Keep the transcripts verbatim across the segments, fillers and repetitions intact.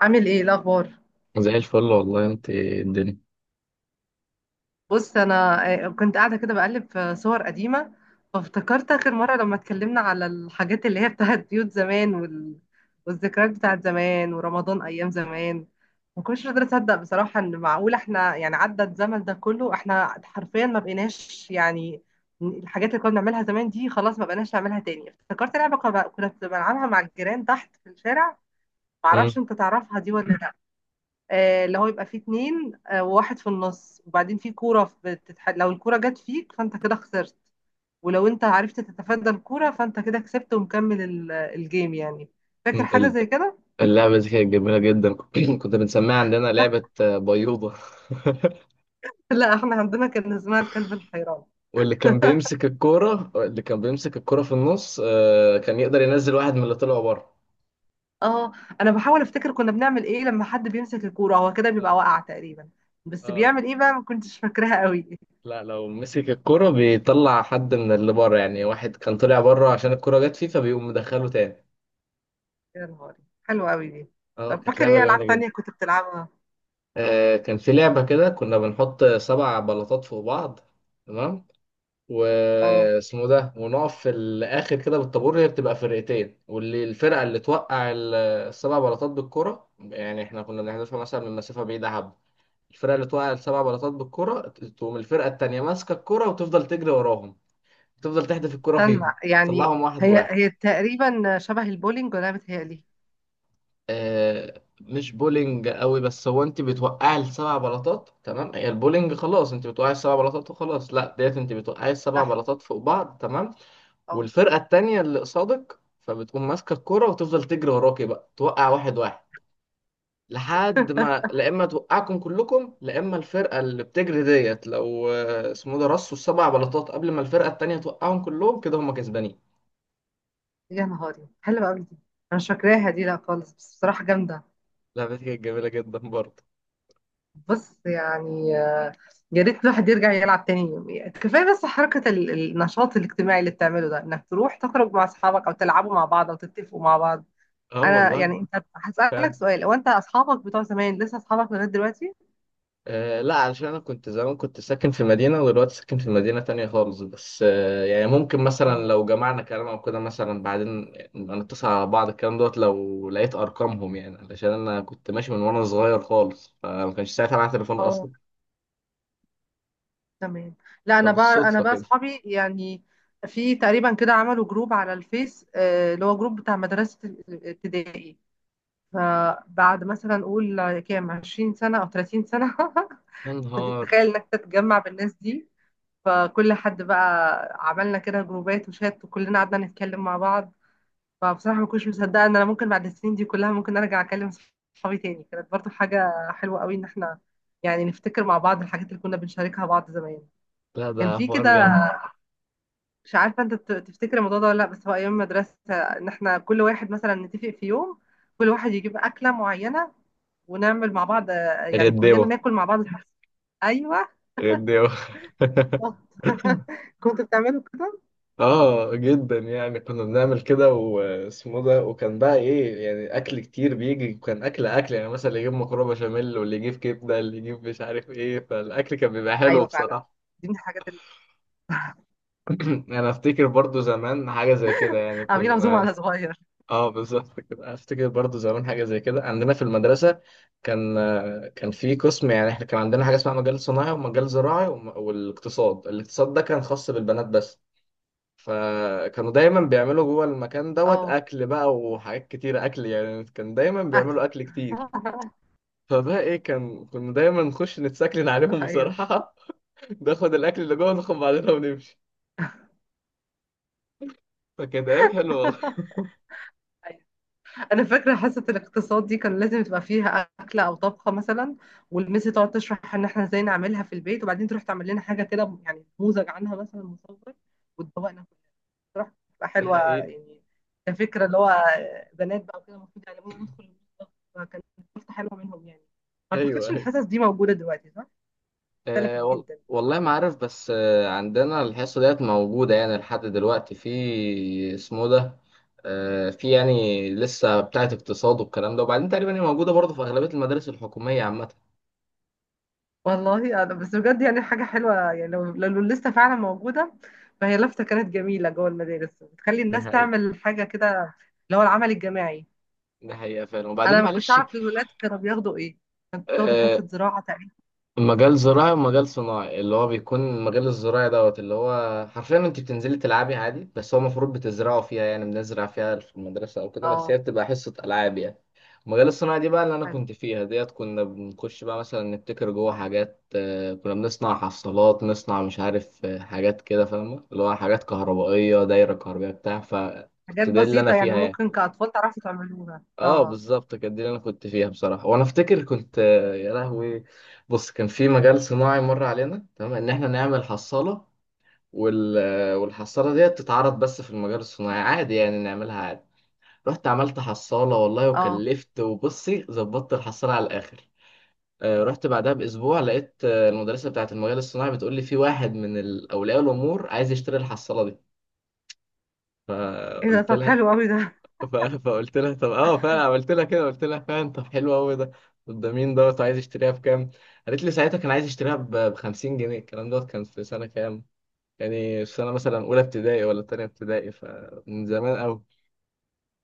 عامل ايه إيه الاخبار. زي الفل والله انت الدنيا. بص انا آه، كنت قاعده كده بقلب في صور قديمه، فافتكرت اخر مره لما اتكلمنا على الحاجات اللي هي بتاعت بيوت زمان وال... والذكريات بتاعت زمان ورمضان ايام زمان. ما كنتش قادره اصدق بصراحه ان معقول احنا يعني عدى الزمن ده كله احنا حرفيا ما بقيناش يعني الحاجات اللي كنا بنعملها زمان دي خلاص ما بقيناش نعملها تاني. افتكرت لعبه كنا كنا بنلعبها مع الجيران تحت في الشارع، مم. معرفش انت تعرفها دي ولا. آه، اللي هو يبقى فيه اتنين، آه، وواحد في النص، وبعدين فيه كورة بتتح... لو الكورة جت فيك فانت كده خسرت، ولو انت عرفت تتفادى الكورة فانت كده كسبت ومكمل ال- الجيم يعني فاكر مم. حاجة ال- زي كده؟ اللعبة دي كانت جميلة جدا. كنا بنسميها عندنا لعبة آه، بيوضة. لا احنا عندنا كان اسمها الكلب الحيران. واللي كان بيمسك الكورة، اللي كان بيمسك الكورة في النص آه، كان يقدر ينزل واحد من اللي طلعوا بره. اه، انا بحاول افتكر كنا بنعمل ايه لما حد بيمسك الكورة. هو كده بيبقى اه، واقع تقريبا، بس اه، بيعمل ايه بقى؟ ما كنتش فاكراها قوي. لا، لو مسك الكورة بيطلع حد من اللي بره، يعني واحد كان طلع بره عشان الكورة جت فيه فبيقوم مدخله تاني. يا نهاري، حلوة قوي دي. اه، طب كانت فاكر لعبة ايه جميلة العاب تانية جدا. كنت بتلعبها؟ آه، كان في لعبة كده كنا بنحط سبع بلاطات فوق بعض، تمام، اه، واسمه ده، ونقف في الاخر كده بالطابور، هي بتبقى فرقتين، واللي الفرقه اللي توقع ال- السبع بلاطات بالكرة، يعني احنا كنا بنحذفها مثلا من مسافه بعيده حبه. الفرقه اللي توقع السبع بلاطات بالكرة تقوم الفرقه التانيه ماسكه الكرة وتفضل تجري وراهم، تفضل تحدف الكرة استنى فيهم يعني تطلعهم واحد هي واحد. هي تقريبا شبه البولينج ولا أنا بتهيألي؟ آه، مش بولينج قوي، بس هو انت بتوقعي السبع بلاطات، تمام، هي البولينج، خلاص، انت بتوقعي السبع بلاطات وخلاص، لا ديت انت بتوقعي السبع صح. بلاطات فوق بعض تمام. اه، والفرقة التانية اللي قصادك فبتقوم ماسكة الكرة وتفضل تجري وراكي بقى توقع واحد واحد، لحد ما، لا اما توقعكم كلكم لا اما الفرقة اللي بتجري ديت لو آه، اسمه ده رصوا السبع بلاطات قبل ما الفرقة التانية توقعهم كلهم كده هم كسبانين. يا نهاري، حلوة أوي دي. أنا مش فاكراها دي لا خالص، بس بصراحة جامدة. لعبة كانت جميلة جدا برضه. بص يعني آه، يا ريت الواحد يرجع يلعب تاني. كفاية بس حركة ال- النشاط الاجتماعي اللي بتعمله ده، إنك تروح تخرج مع أصحابك أو تلعبوا مع بعض أو تتفقوا مع بعض. اه أنا والله. يعني أنت فعلا. هسألك سؤال، هو أنت أصحابك بتوع زمان لسه أصحابك لغاية دلوقتي؟ آه، لا علشان انا كنت زمان، كنت ساكن في مدينة ودلوقتي ساكن في مدينة تانية خالص، بس آه يعني ممكن مثلا اه، لو جمعنا كلام او كده مثلا بعدين نبقى نتصل على بعض، الكلام دوت لو لقيت ارقامهم، يعني علشان انا كنت ماشي من وانا صغير خالص فما كانش ساعتها معايا تليفون اه، اصلا. تمام. لا انا بقى انا فبالصدفة بقى كده. اصحابي يعني في تقريبا كده عملوا جروب على الفيس، آه، اللي هو جروب بتاع مدرسة ال- الابتدائي. فبعد مثلا اقول كام، عشرين سنة او تلاتين سنة؟ يا نهار. تخيل انك تتجمع بالناس دي. فكل حد بقى عملنا كده جروبات وشات، وكلنا قعدنا نتكلم مع بعض. فبصراحة ما كنتش مصدقة ان انا ممكن بعد السنين دي كلها ممكن ارجع اكلم صحابي تاني. كانت برضو حاجة حلوة قوي ان احنا يعني نفتكر مع بعض الحاجات اللي كنا بنشاركها بعض زمان. لا، كان ده في كده، حوار جامد. مش عارفه انت ت- تفتكر الموضوع ده ولا لا، بس هو ايام المدرسه ان احنا كل واحد مثلا نتفق في يوم، كل واحد يجيب اكله معينه، ونعمل مع بعض، آه، يعني كلنا غداوة. ناكل مع بعض الحاجة. ايوه، غداوة. بالظبط. كنت بتعملوا كده؟ اه جدا، يعني كنا بنعمل كده واسمه ده، وكان بقى ايه يعني، اكل كتير بيجي، وكان اكل، اكل، يعني مثلا اللي يجيب مكرونه بشاميل واللي يجيب كبده، اللي يجيب مش عارف ايه، فالاكل كان بيبقى حلو ايوه فعلا، بصراحه. دي من الحاجات اللي انا افتكر برضو زمان حاجه زي كده، يعني عاملين عزومه كنا. على صغير. اه، بالظبط كده، افتكر برضو زمان حاجه زي كده عندنا في المدرسه. كان كان في قسم، يعني احنا كان عندنا حاجه اسمها مجال صناعي ومجال زراعي وم- والاقتصاد، الاقتصاد ده كان خاص بالبنات بس، فكانوا دايما بيعملوا جوه المكان دوت اه، اكل بقى وحاجات كتير اكل، يعني كان دايما اكل. بيعملوا اكل كتير. فبقى ايه، كان كنا دايما نخش نتسكلن عليهم ايوه، بصراحة. ناخد الاكل اللي جوه، ناخد بعضنا ونمشي. فكانت ايام حلوة والله. انا فاكره حصه الاقتصاد دي كان لازم تبقى فيها اكله او طبخه مثلا، والميس تقعد تشرح ان احنا ازاي نعملها في البيت، وبعدين تروح تعمل لنا حاجه كده يعني نموذج عنها مثلا مصور، وتدوقنا كلنا. بصراحه بتبقى حلوه الحقيقة. يعني كفكره، اللي هو بنات بقى وكده المفروض يعلمونا ندخل المطبخ، فكانت فرصه حلوه منهم يعني ما ايوه، اعتقدش ايوه، الحصص دي موجوده دلوقتي صح؟ اختلفت آه، وال... جدا. والله ما عارف، بس آه عندنا الحصة ديت موجودة يعني لحد دلوقتي في اسمه ده. آه، في يعني لسه بتاعة اقتصاد والكلام ده، وبعدين تقريبا هي موجودة برضه في أغلبية المدارس الحكومية عامة. والله انا بس بجد يعني حاجه حلوه يعني لو لو لسه فعلا موجوده، فهي لفته كانت جميله جوه المدارس، بتخلي ده الناس حقيقة تعمل حاجه كده، اللي هو العمل الجماعي. ده حقيقة فعلا، وبعدين انا ما كنتش معلش. اعرف الولاد كانوا بياخدوا ايه. بياخدوا آه، حصه زراعه تقريبا. مجال زراعي ومجال صناعي، اللي هو بيكون المجال الزراعي دوت اللي هو حرفيا انت بتنزلي تلعبي عادي، بس هو المفروض بتزرعوا فيها يعني، بنزرع فيها في المدرسة او كده، بس هي اه، بتبقى حصة ألعاب يعني. المجال الصناعي دي بقى اللي انا حلو. كنت فيها ديت كنا بنخش بقى مثلا نبتكر جوه حاجات، آه، كنا بنصنع حصالات، نصنع مش عارف آه، حاجات كده، فاهمة، اللي هو حاجات كهربائية، دايرة كهربائية بتاع، حاجات فكنت ده اللي انا بسيطه يعني فيها يعني. ممكن كاطفال تعرفوا تعملوها، اه، اه. بالظبط كانت دي اللي انا كنت فيها بصراحه، وانا افتكر كنت آه، يا لهوي. بص كان في مجال صناعي مر علينا تمام ان احنا نعمل حصاله، وال... آه، والحصاله ديت تتعرض بس في المجال الصناعي عادي يعني نعملها عادي. رحت عملت حصاله والله اه، وكلفت، وبصي ظبطت الحصاله على الاخر. آه، رحت بعدها باسبوع لقيت آه، المدرسه بتاعه المجال الصناعي بتقول لي في واحد من ال- اولياء الامور عايز يشتري الحصاله دي. ايه ده؟ فقلت طب لها، حلو قوي ده. ف- فقلت لها طب اه فعلا عملت لها كده، قلت لها فعلا طب حلو قوي ده. طب ده مين دوت وعايز يشتريها بكام؟ قالت لي ساعتها كان عايز يشتريها ب خمسين جنيه، الكلام دوت كان في سنه كام؟ يعني في سنه مثلا اولى ابتدائي ولا تانية ابتدائي، فمن زمان قوي.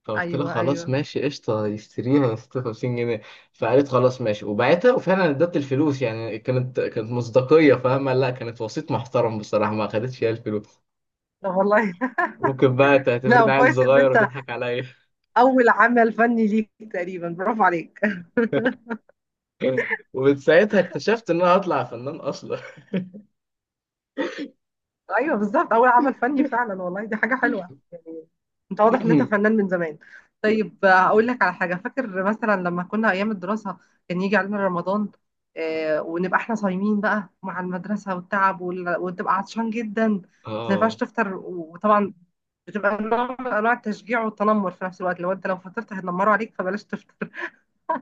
فقلت لها ايوه خلاص ايوه. ماشي قشطه يشتريها يا ستة وخمسين جنيه. فقالت خلاص ماشي وبعتها وفعلا ادت الفلوس، يعني كانت كانت مصداقيه فاهمه، لا كانت وسيط محترم بصراحه ما خدتش هي الفلوس. طب والله. ممكن بقى لا تعتبرني عيل كويس ان صغير انت، وتضحك عليا. اول عمل فني ليك تقريبا، برافو عليك. ومن ساعتها اكتشفت ان انا هطلع فنان اصلا. ايوه بالظبط، اول عمل فني فعلا والله. دي حاجه حلوه يعني انت واضح ان انت فنان من زمان. طيب، آه، اقول لك على حاجه. فاكر مثلا لما كنا ايام الدراسه كان يجي علينا رمضان، آه، ونبقى احنا صايمين بقى مع المدرسه والتعب وال- وتبقى عطشان جدا، ما ينفعش اه. تفطر. وطبعا بتبقى نوع من انواع التشجيع والتنمر في نفس الوقت، لو انت لو فطرت هيتنمروا عليك، فبلاش تفطر.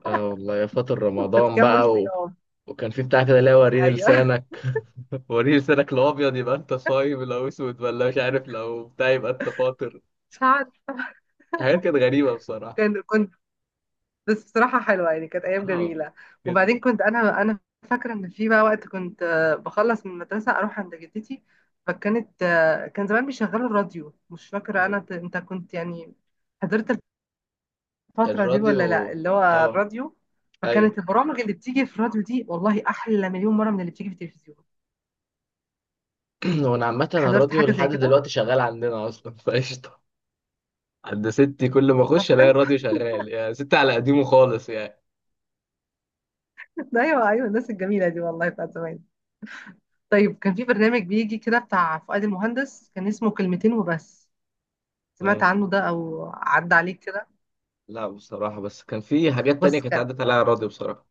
اه والله، يا فاطر رمضان فتكمل بقى و... صيام. وكان في بتاع كده اللي هو وريني ايوه، لسانك. وريني لسانك، لو ابيض يبقى انت صايم، لو اسود ولا مش عارف لو بتاع يبقى انت فاطر. مش عارف. حاجات كانت غريبه بصراحه. كان، كنت، بس بصراحة حلوة يعني كانت أيام اه جميلة. جدا. وبعدين كنت أنا أنا فاكرة إن في بقى وقت كنت آه، بخلص من المدرسة أروح عند جدتي، فكانت آه، كان زمان بيشغلوا الراديو. مش فاكرة مم. أنا ت- أنت كنت يعني حضرت الفترة دي ولا لأ، الراديو. اللي هو اه. الراديو. ايوه. فكانت البرامج اللي بتيجي في الراديو دي والله أحلى مليون مرة من اللي بتيجي في التلفزيون. وانا عامه حضرت الراديو حاجة لحد زي كده؟ دلوقتي شغال عندنا اصلا فقشطه. عند ستي كل ما طب اخش الاقي حلو. الراديو شغال، يعني ستي على قديمه خالص أيوه أيوه، الناس الجميلة دي والله بتاعت زمان. طيب كان في برنامج بيجي كده بتاع فؤاد المهندس، كان اسمه كلمتين وبس. سمعت يعني. عنه ده او عدى عليك كده؟ لا بصراحة، بس كان في حاجات تانية بص، كانت كان، عدت عليها راضي بصراحة.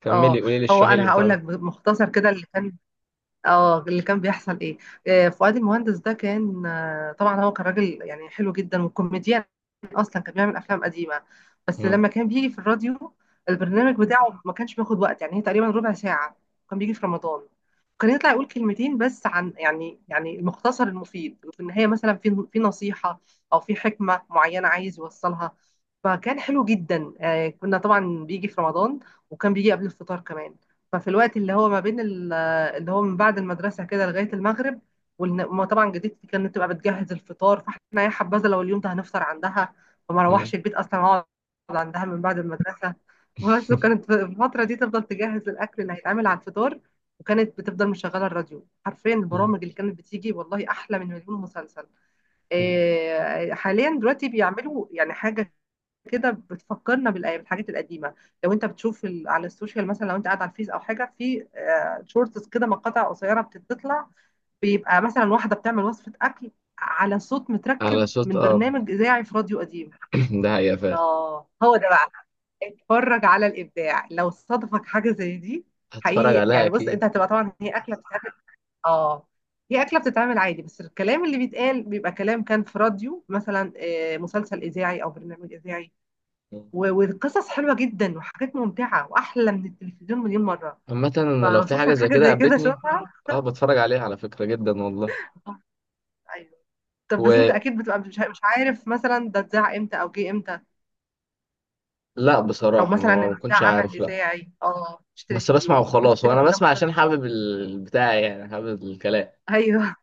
كملي اه، قولي لي هو اشرحي اللي انا بتاع هقول ده. لك مختصر كده اللي كان، اه، اللي كان بيحصل ايه. آه، فؤاد المهندس ده كان، آه، طبعا هو كان راجل يعني حلو جدا وكوميديان، اصلا كان بيعمل افلام قديمه. بس مم. لما كان بيجي في الراديو، البرنامج بتاعه ما كانش بياخد وقت، يعني هي تقريبا ربع ساعه. كان بيجي في رمضان، كان يطلع يقول كلمتين بس عن يعني يعني المختصر المفيد، وفي النهايه مثلا في في نصيحه او في حكمه معينه عايز يوصلها. فكان حلو جدا، آه، كنا طبعا بيجي في رمضان، وكان بيجي قبل الفطار كمان. ففي الوقت اللي هو ما بين ال، اللي هو من بعد المدرسة كده لغاية المغرب، وما طبعا جدتي كانت تبقى بتجهز الفطار، فاحنا يا حبذا لو اليوم ده هنفطر عندها. فما مم. اروحش البيت اصلا، اقعد عندها من بعد المدرسة بس. وكانت في الفترة دي تفضل تجهز الأكل اللي هيتعمل على الفطار، وكانت بتفضل مشغلة الراديو. حرفيا مم. البرامج اللي كانت بتيجي والله أحلى من مليون مسلسل. مم. إيه، حاليا دلوقتي بيعملوا يعني حاجة كده بتفكرنا بالأيام بالحاجات القديمة. لو انت بتشوف ال- على السوشيال مثلا، لو انت قاعد على الفيس او حاجة في، آه، شورتس كده مقاطع قصيرة بتطلع، بيبقى مثلا واحدة بتعمل وصفة أكل على صوت على متركب صوت من اب. برنامج إذاعي في راديو قديم. ده حقيقة فعلا. اه هو ده بقى. اتفرج على الإبداع لو صادفك حاجة زي دي. هتفرج حقيقي عليها يعني بص اكيد. انت هتبقى، طبعا هي أكلة بتتعمل، اه، هي أكلة بتتعمل عادي، بس الكلام اللي بيتقال بيبقى كلام كان في راديو مثلا، آه، مسلسل إذاعي أو برنامج إذاعي. مم. و- والقصص حلوه جدا وحاجات ممتعه واحلى من التلفزيون مليون مره. عامة انا لو في فوصلت حاجة لك زي حاجه كده زي كده قابلتني. شوفها. اه بتفرج عليها على فكرة جدا والله. ايوه. طب بس انت ولا، اكيد بتبقى مش مش عارف مثلا ده اتذاع امتى او جه امتى، او بصراحة مثلا ما ان ده بكونش عمل عارف لا. اذاعي، اه، مش بس بسمع تلفزيوني، ممكن وخلاص، وانا تفتكر ان ده بسمع مسلسل. عشان حابب البتاع يعني حابب الكلام. ايوه.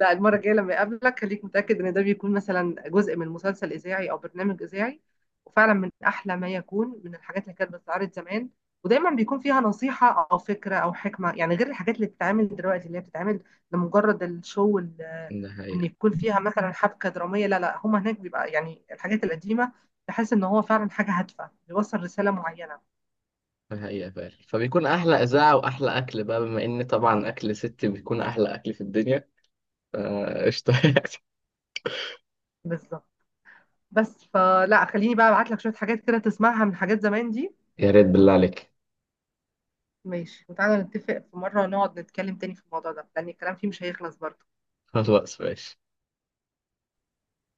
لا المرة الجاية لما أقابلك خليك متأكد إن ده بيكون مثلا جزء من مسلسل إذاعي أو برنامج إذاعي، وفعلا من أحلى ما يكون من الحاجات اللي كانت بتتعرض زمان. ودايما بيكون فيها نصيحة أو فكرة أو حكمة، يعني غير الحاجات اللي بتتعمل دلوقتي اللي هي بتتعمل لمجرد الشو وال- ده وإن حقيقة يكون فيها مثلا حبكة درامية. لا لا، هما هناك بيبقى يعني الحاجات القديمة تحس إن هو فعلا حاجة هادفة بيوصل رسالة معينة. ده حقيقة فعلا، فبيكون أحلى إذاعة وأحلى أكل بقى بما إن طبعا أكل ست بيكون أحلى أكل في الدنيا. آه، قشطة. بالظبط. بس فلا خليني بقى أبعت لك شوية حاجات كده تسمعها من حاجات زمان دي. يا ريت بالله عليك. ماشي، وتعالى نتفق في مرة نقعد نتكلم تاني في الموضوع ده، لأن الكلام فيه مش هيخلص برضه. خلاص ماشي.